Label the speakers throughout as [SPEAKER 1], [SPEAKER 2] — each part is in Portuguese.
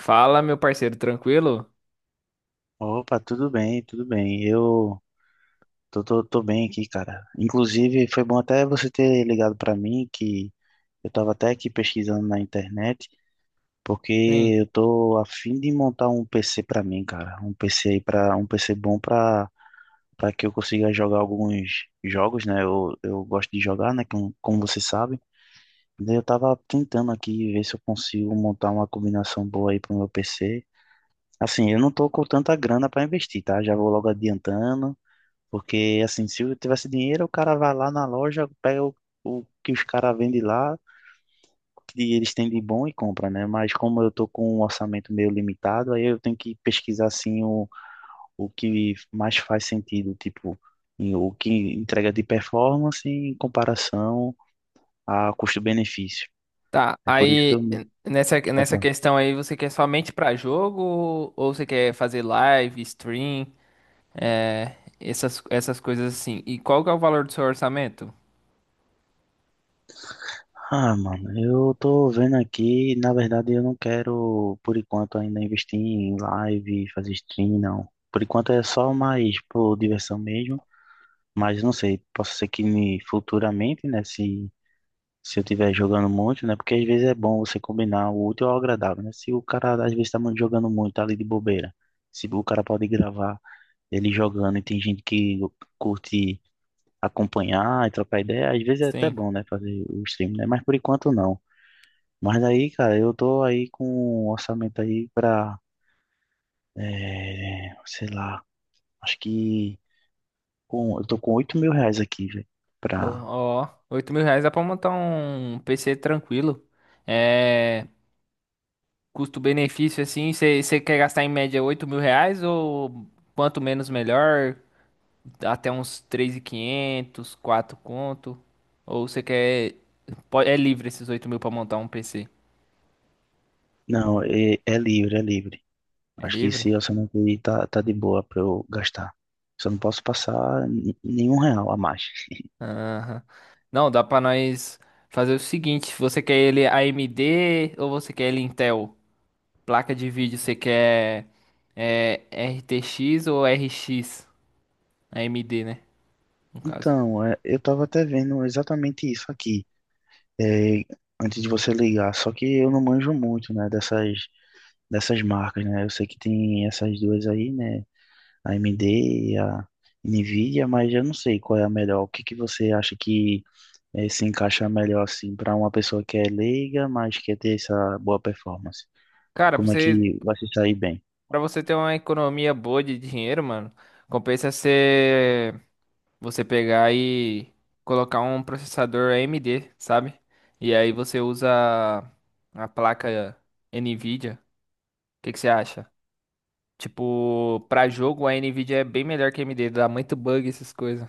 [SPEAKER 1] Fala, meu parceiro, tranquilo?
[SPEAKER 2] Opa, tudo bem, tudo bem. Eu tô bem aqui, cara. Inclusive, foi bom até você ter ligado pra mim, que eu tava até aqui pesquisando na internet, porque
[SPEAKER 1] Sim.
[SPEAKER 2] eu tô a fim de montar um PC pra mim, cara. Um PC aí para um PC bom pra para que eu consiga jogar alguns jogos, né? Eu gosto de jogar, né? Como você sabe. Daí eu tava tentando aqui ver se eu consigo montar uma combinação boa aí pro meu PC. Assim, eu não tô com tanta grana pra investir, tá? Já vou logo adiantando. Porque, assim, se eu tivesse dinheiro, o cara vai lá na loja, pega o que os caras vendem lá, que eles têm de bom e compra, né? Mas como eu tô com um orçamento meio limitado, aí eu tenho que pesquisar, assim, o que mais faz sentido, tipo, o que entrega de performance em comparação a custo-benefício.
[SPEAKER 1] Tá,
[SPEAKER 2] É por isso que
[SPEAKER 1] aí
[SPEAKER 2] eu...
[SPEAKER 1] nessa questão aí, você quer somente pra jogo ou você quer fazer live, stream, essas coisas assim? E qual que é o valor do seu orçamento?
[SPEAKER 2] Ah, mano, eu tô vendo aqui, na verdade eu não quero, por enquanto, ainda investir em live, fazer stream, não. Por enquanto é só mais por diversão mesmo, mas não sei, posso ser que me, futuramente, né, se eu tiver jogando muito, né, porque às vezes é bom você combinar o útil ao agradável, né, se o cara às vezes tá muito jogando muito, tá ali de bobeira, se o cara pode gravar ele jogando e tem gente que curte acompanhar e trocar ideia, às vezes é até
[SPEAKER 1] Sim.
[SPEAKER 2] bom, né, fazer o stream, né, mas por enquanto não. Mas aí, cara, eu tô aí com um orçamento aí pra, é, sei lá, acho que com, eu tô com R$ 8.000 aqui, velho,
[SPEAKER 1] Ó,
[SPEAKER 2] pra...
[SPEAKER 1] ó, 8 mil reais dá pra montar um PC tranquilo. É, custo-benefício assim, você quer gastar em média 8 mil reais ou quanto menos melhor? Até uns 3.500, 4 conto. Ou você quer. É livre esses 8 mil pra montar um PC?
[SPEAKER 2] Não, é, é livre, é livre.
[SPEAKER 1] É
[SPEAKER 2] Acho que
[SPEAKER 1] livre?
[SPEAKER 2] esse orçamento aí tá, tá de boa pra eu gastar. Só não posso passar nenhum real a mais.
[SPEAKER 1] Aham. Não, dá pra nós fazer o seguinte: você quer ele AMD ou você quer ele Intel? Placa de vídeo, você quer é, RTX ou RX? AMD, né? No caso.
[SPEAKER 2] Então, é, eu tava até vendo exatamente isso aqui, é, antes de você ligar, só que eu não manjo muito, né, dessas marcas, né? Eu sei que tem essas duas aí, né? A AMD e a Nvidia, mas eu não sei qual é a melhor. O que que você acha que se encaixa melhor assim para uma pessoa que é leiga, mas quer ter essa boa performance?
[SPEAKER 1] Cara,
[SPEAKER 2] Como é que vai se sair bem?
[SPEAKER 1] pra você ter uma economia boa de dinheiro, mano, compensa ser. Você pegar e colocar um processador AMD, sabe? E aí você usa a placa NVIDIA. O que que você acha? Tipo, pra jogo a NVIDIA é bem melhor que a AMD, dá muito bug essas coisas.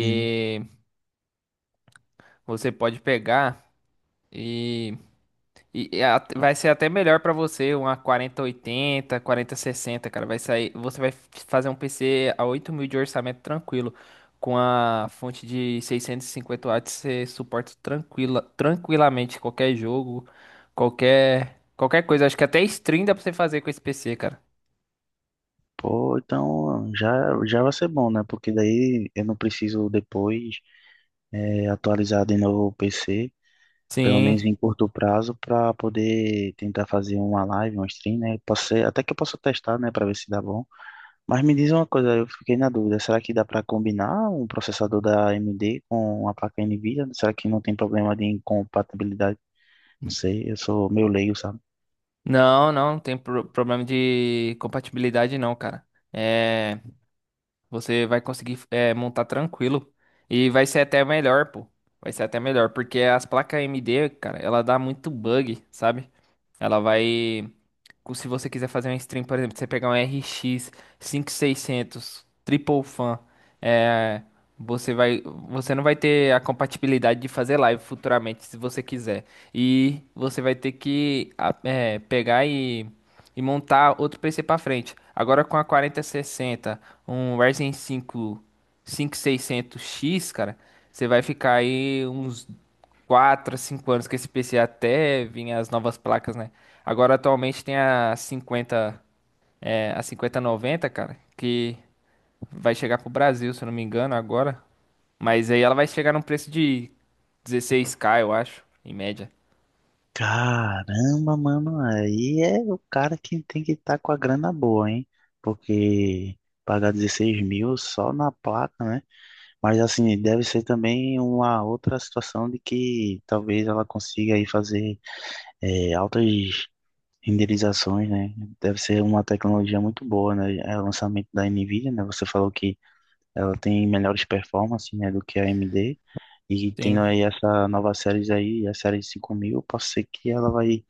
[SPEAKER 2] Hum.
[SPEAKER 1] você pode pegar e vai ser até melhor pra você, uma quarenta oitenta, quarenta sessenta, cara. Vai sair, você vai fazer um PC a 8 mil de orçamento tranquilo. Com a fonte de 650 watts, você suporta tranquilamente qualquer jogo, qualquer coisa. Acho que até stream dá pra você fazer com esse PC, cara.
[SPEAKER 2] Pô, então já, já vai ser bom, né? Porque daí eu não preciso depois atualizar de novo o PC, pelo menos
[SPEAKER 1] Sim.
[SPEAKER 2] em curto prazo, para poder tentar fazer uma live, um stream, né? Até que eu possa testar, né, para ver se dá bom. Mas me diz uma coisa, eu fiquei na dúvida, será que dá para combinar um processador da AMD com a placa NVIDIA? Será que não tem problema de incompatibilidade? Não sei, eu sou meio leigo, sabe?
[SPEAKER 1] Não, não, não tem problema de compatibilidade, não, cara. É, você vai conseguir montar tranquilo. E vai ser até melhor, pô. Vai ser até melhor, porque as placas AMD, cara, ela dá muito bug, sabe? Ela vai se você quiser fazer uma stream, por exemplo, você pegar um RX 5600 Triple Fan, é, você vai, você não vai ter a compatibilidade de fazer live futuramente, se você quiser. E você vai ter que pegar e montar outro PC para frente. Agora com a 4060, um Ryzen 5 5600X, cara, você vai ficar aí uns 4, a 5 anos, que esse PC até vinha as novas placas, né? Agora atualmente tem a 50, a cinquenta noventa, cara, que vai chegar pro Brasil, se eu não me engano, agora. Mas aí ela vai chegar num preço de 16K, eu acho, em média.
[SPEAKER 2] Caramba, mano, aí é o cara que tem que estar com a grana boa, hein? Porque pagar 16 mil só na placa, né? Mas assim, deve ser também uma outra situação de que talvez ela consiga aí fazer altas renderizações, né? Deve ser uma tecnologia muito boa, né? É o lançamento da Nvidia, né? Você falou que ela tem melhores performances, né, do que a AMD. E tendo
[SPEAKER 1] Sim.
[SPEAKER 2] aí essa nova série aí, a série 5000, posso ser que ela vai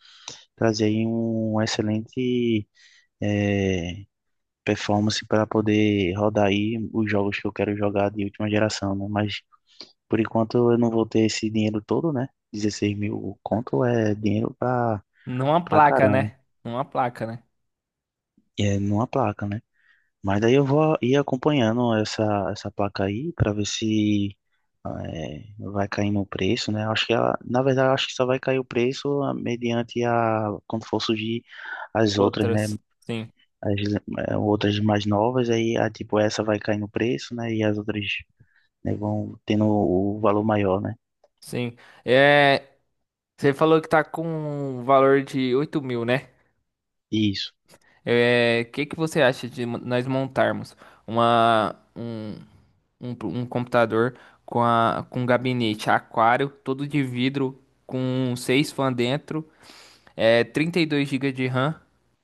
[SPEAKER 2] trazer aí um excelente eh, performance para poder rodar aí os jogos que eu quero jogar de última geração, né? Mas por enquanto eu não vou ter esse dinheiro todo, né? 16 mil conto é dinheiro
[SPEAKER 1] Numa
[SPEAKER 2] pra
[SPEAKER 1] placa,
[SPEAKER 2] caramba.
[SPEAKER 1] né? Numa placa, né?
[SPEAKER 2] E é numa placa, né? Mas daí eu vou ir acompanhando essa placa aí para ver se vai caindo o preço, né? Acho que ela, na verdade, eu acho que só vai cair o preço mediante a quando for surgir as outras, né?
[SPEAKER 1] Outras. Sim,
[SPEAKER 2] As outras mais novas, aí a, tipo essa vai cair no preço, né? E as outras né, vão tendo o valor maior, né?
[SPEAKER 1] sim. É, você falou que tá com um valor de 8 mil, né?
[SPEAKER 2] Isso.
[SPEAKER 1] É, que você acha de nós montarmos uma, um, um computador com gabinete aquário, todo de vidro, com 6 fãs dentro, 32 gigas de RAM,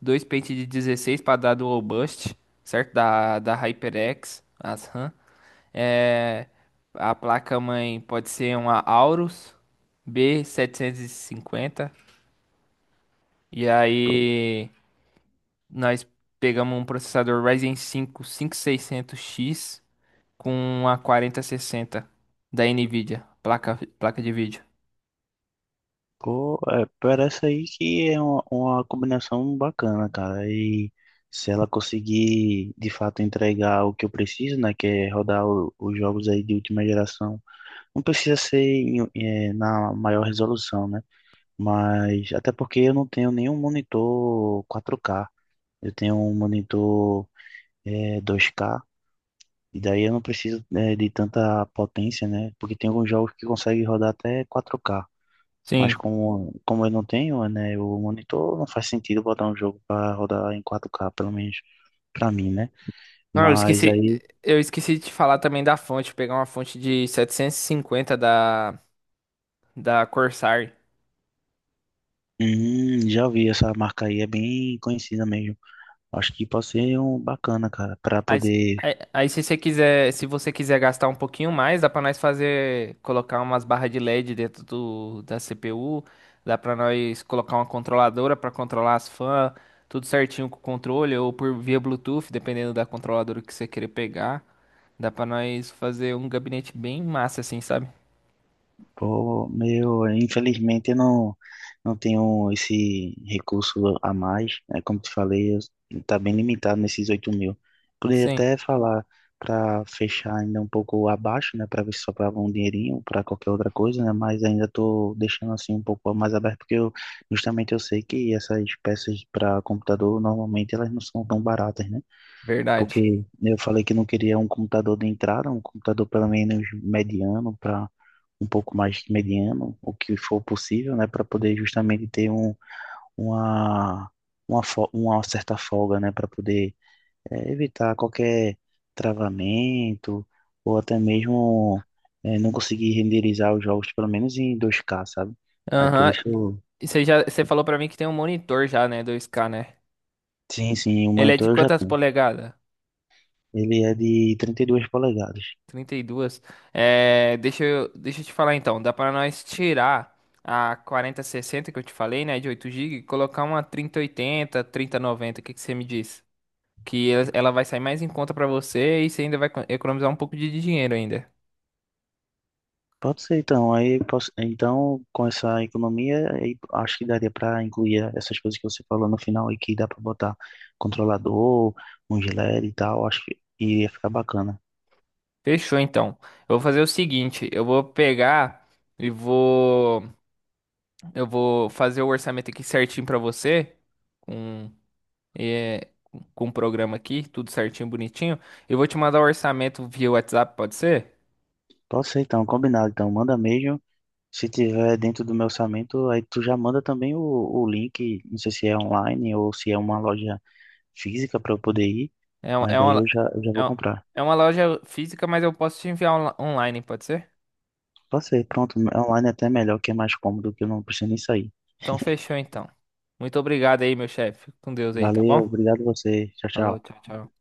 [SPEAKER 1] dois pentes de 16 para dar dual boost, certo? Da HyperX, as RAM. É, a placa-mãe pode ser uma Aorus b 750. E aí. Nós pegamos um processador Ryzen 5 5600X com uma 4060 da Nvidia, placa de vídeo.
[SPEAKER 2] Pô, é, parece aí que é uma combinação bacana, cara. E se ela conseguir de fato entregar o que eu preciso, né, que é rodar os jogos aí de última geração, não precisa ser na maior resolução, né? Mas até porque eu não tenho nenhum monitor 4K, eu tenho um monitor 2K. E daí eu não preciso de tanta potência, né? Porque tem alguns jogos que conseguem rodar até 4K. Mas
[SPEAKER 1] Sim.
[SPEAKER 2] como eu não tenho, né, o monitor não faz sentido botar um jogo para rodar em 4K pelo menos para mim, né?
[SPEAKER 1] Não,
[SPEAKER 2] Mas aí,
[SPEAKER 1] eu esqueci de te falar também da fonte, pegar uma fonte de 750 da Corsair.
[SPEAKER 2] já vi essa marca aí, é bem conhecida mesmo. Acho que pode ser um bacana, cara, para poder.
[SPEAKER 1] Aí, se você quiser, gastar um pouquinho mais, dá pra nós fazer, colocar umas barras de LED dentro da CPU, dá pra nós colocar uma controladora pra controlar as fãs, tudo certinho com o controle ou por via Bluetooth, dependendo da controladora que você querer pegar. Dá pra nós fazer um gabinete bem massa assim, sabe?
[SPEAKER 2] Pô, meu, infelizmente eu não tenho esse recurso a mais, né? Como te falei, tá bem limitado nesses 8 mil. Poderia
[SPEAKER 1] Sim,
[SPEAKER 2] até falar para fechar ainda um pouco abaixo, né? Para ver se sobrava um dinheirinho para qualquer outra coisa, né? Mas ainda tô deixando assim um pouco mais aberto, porque justamente eu sei que essas peças para computador normalmente elas não são tão baratas, né?
[SPEAKER 1] verdade.
[SPEAKER 2] Porque eu falei que não queria um computador de entrada, um computador pelo menos mediano um pouco mais mediano, o que for possível, né, para poder justamente ter uma, uma, uma certa folga, né, para poder evitar qualquer travamento ou até mesmo não conseguir renderizar os jogos, pelo menos em 2K, sabe? Aí por
[SPEAKER 1] Aham.
[SPEAKER 2] isso,
[SPEAKER 1] Você falou pra mim que tem um monitor já, né, 2K, né?
[SPEAKER 2] sim, sim, o
[SPEAKER 1] Ele é de
[SPEAKER 2] monitor eu já
[SPEAKER 1] quantas
[SPEAKER 2] tenho.
[SPEAKER 1] polegadas?
[SPEAKER 2] Ele é de 32 polegadas.
[SPEAKER 1] 32. É, deixa eu te falar então. Dá pra nós tirar a quarenta sessenta que eu te falei, né? De 8 GB, e colocar uma 3080, 3090. O que que você me diz? Que ela vai sair mais em conta pra você, e você ainda vai economizar um pouco de dinheiro ainda.
[SPEAKER 2] Pode ser então, aí posso, então com essa economia, aí acho que daria para incluir essas coisas que você falou no final aí que dá para botar controlador, um gilete e tal, acho que iria ficar bacana.
[SPEAKER 1] Fechou então. Eu vou fazer o seguinte: eu vou pegar e vou eu vou fazer o orçamento aqui certinho pra você. com é, com o programa aqui, tudo certinho, bonitinho. Eu vou te mandar o orçamento via WhatsApp, pode ser?
[SPEAKER 2] Pode ser então, combinado então, manda mesmo. Se tiver dentro do meu orçamento, aí tu já manda também o link, não sei se é online ou se é uma loja física para eu poder ir,
[SPEAKER 1] É,
[SPEAKER 2] mas daí eu já
[SPEAKER 1] é
[SPEAKER 2] vou
[SPEAKER 1] um-
[SPEAKER 2] comprar.
[SPEAKER 1] é uma loja física, mas eu posso te enviar online, pode ser?
[SPEAKER 2] Pode ser, pronto, online é até melhor, que é mais cômodo, que eu não preciso nem sair.
[SPEAKER 1] Então fechou então. Muito obrigado aí, meu chefe. Fica com Deus aí, tá
[SPEAKER 2] Valeu,
[SPEAKER 1] bom?
[SPEAKER 2] obrigado a você, tchau,
[SPEAKER 1] Falou,
[SPEAKER 2] tchau.
[SPEAKER 1] tchau, tchau.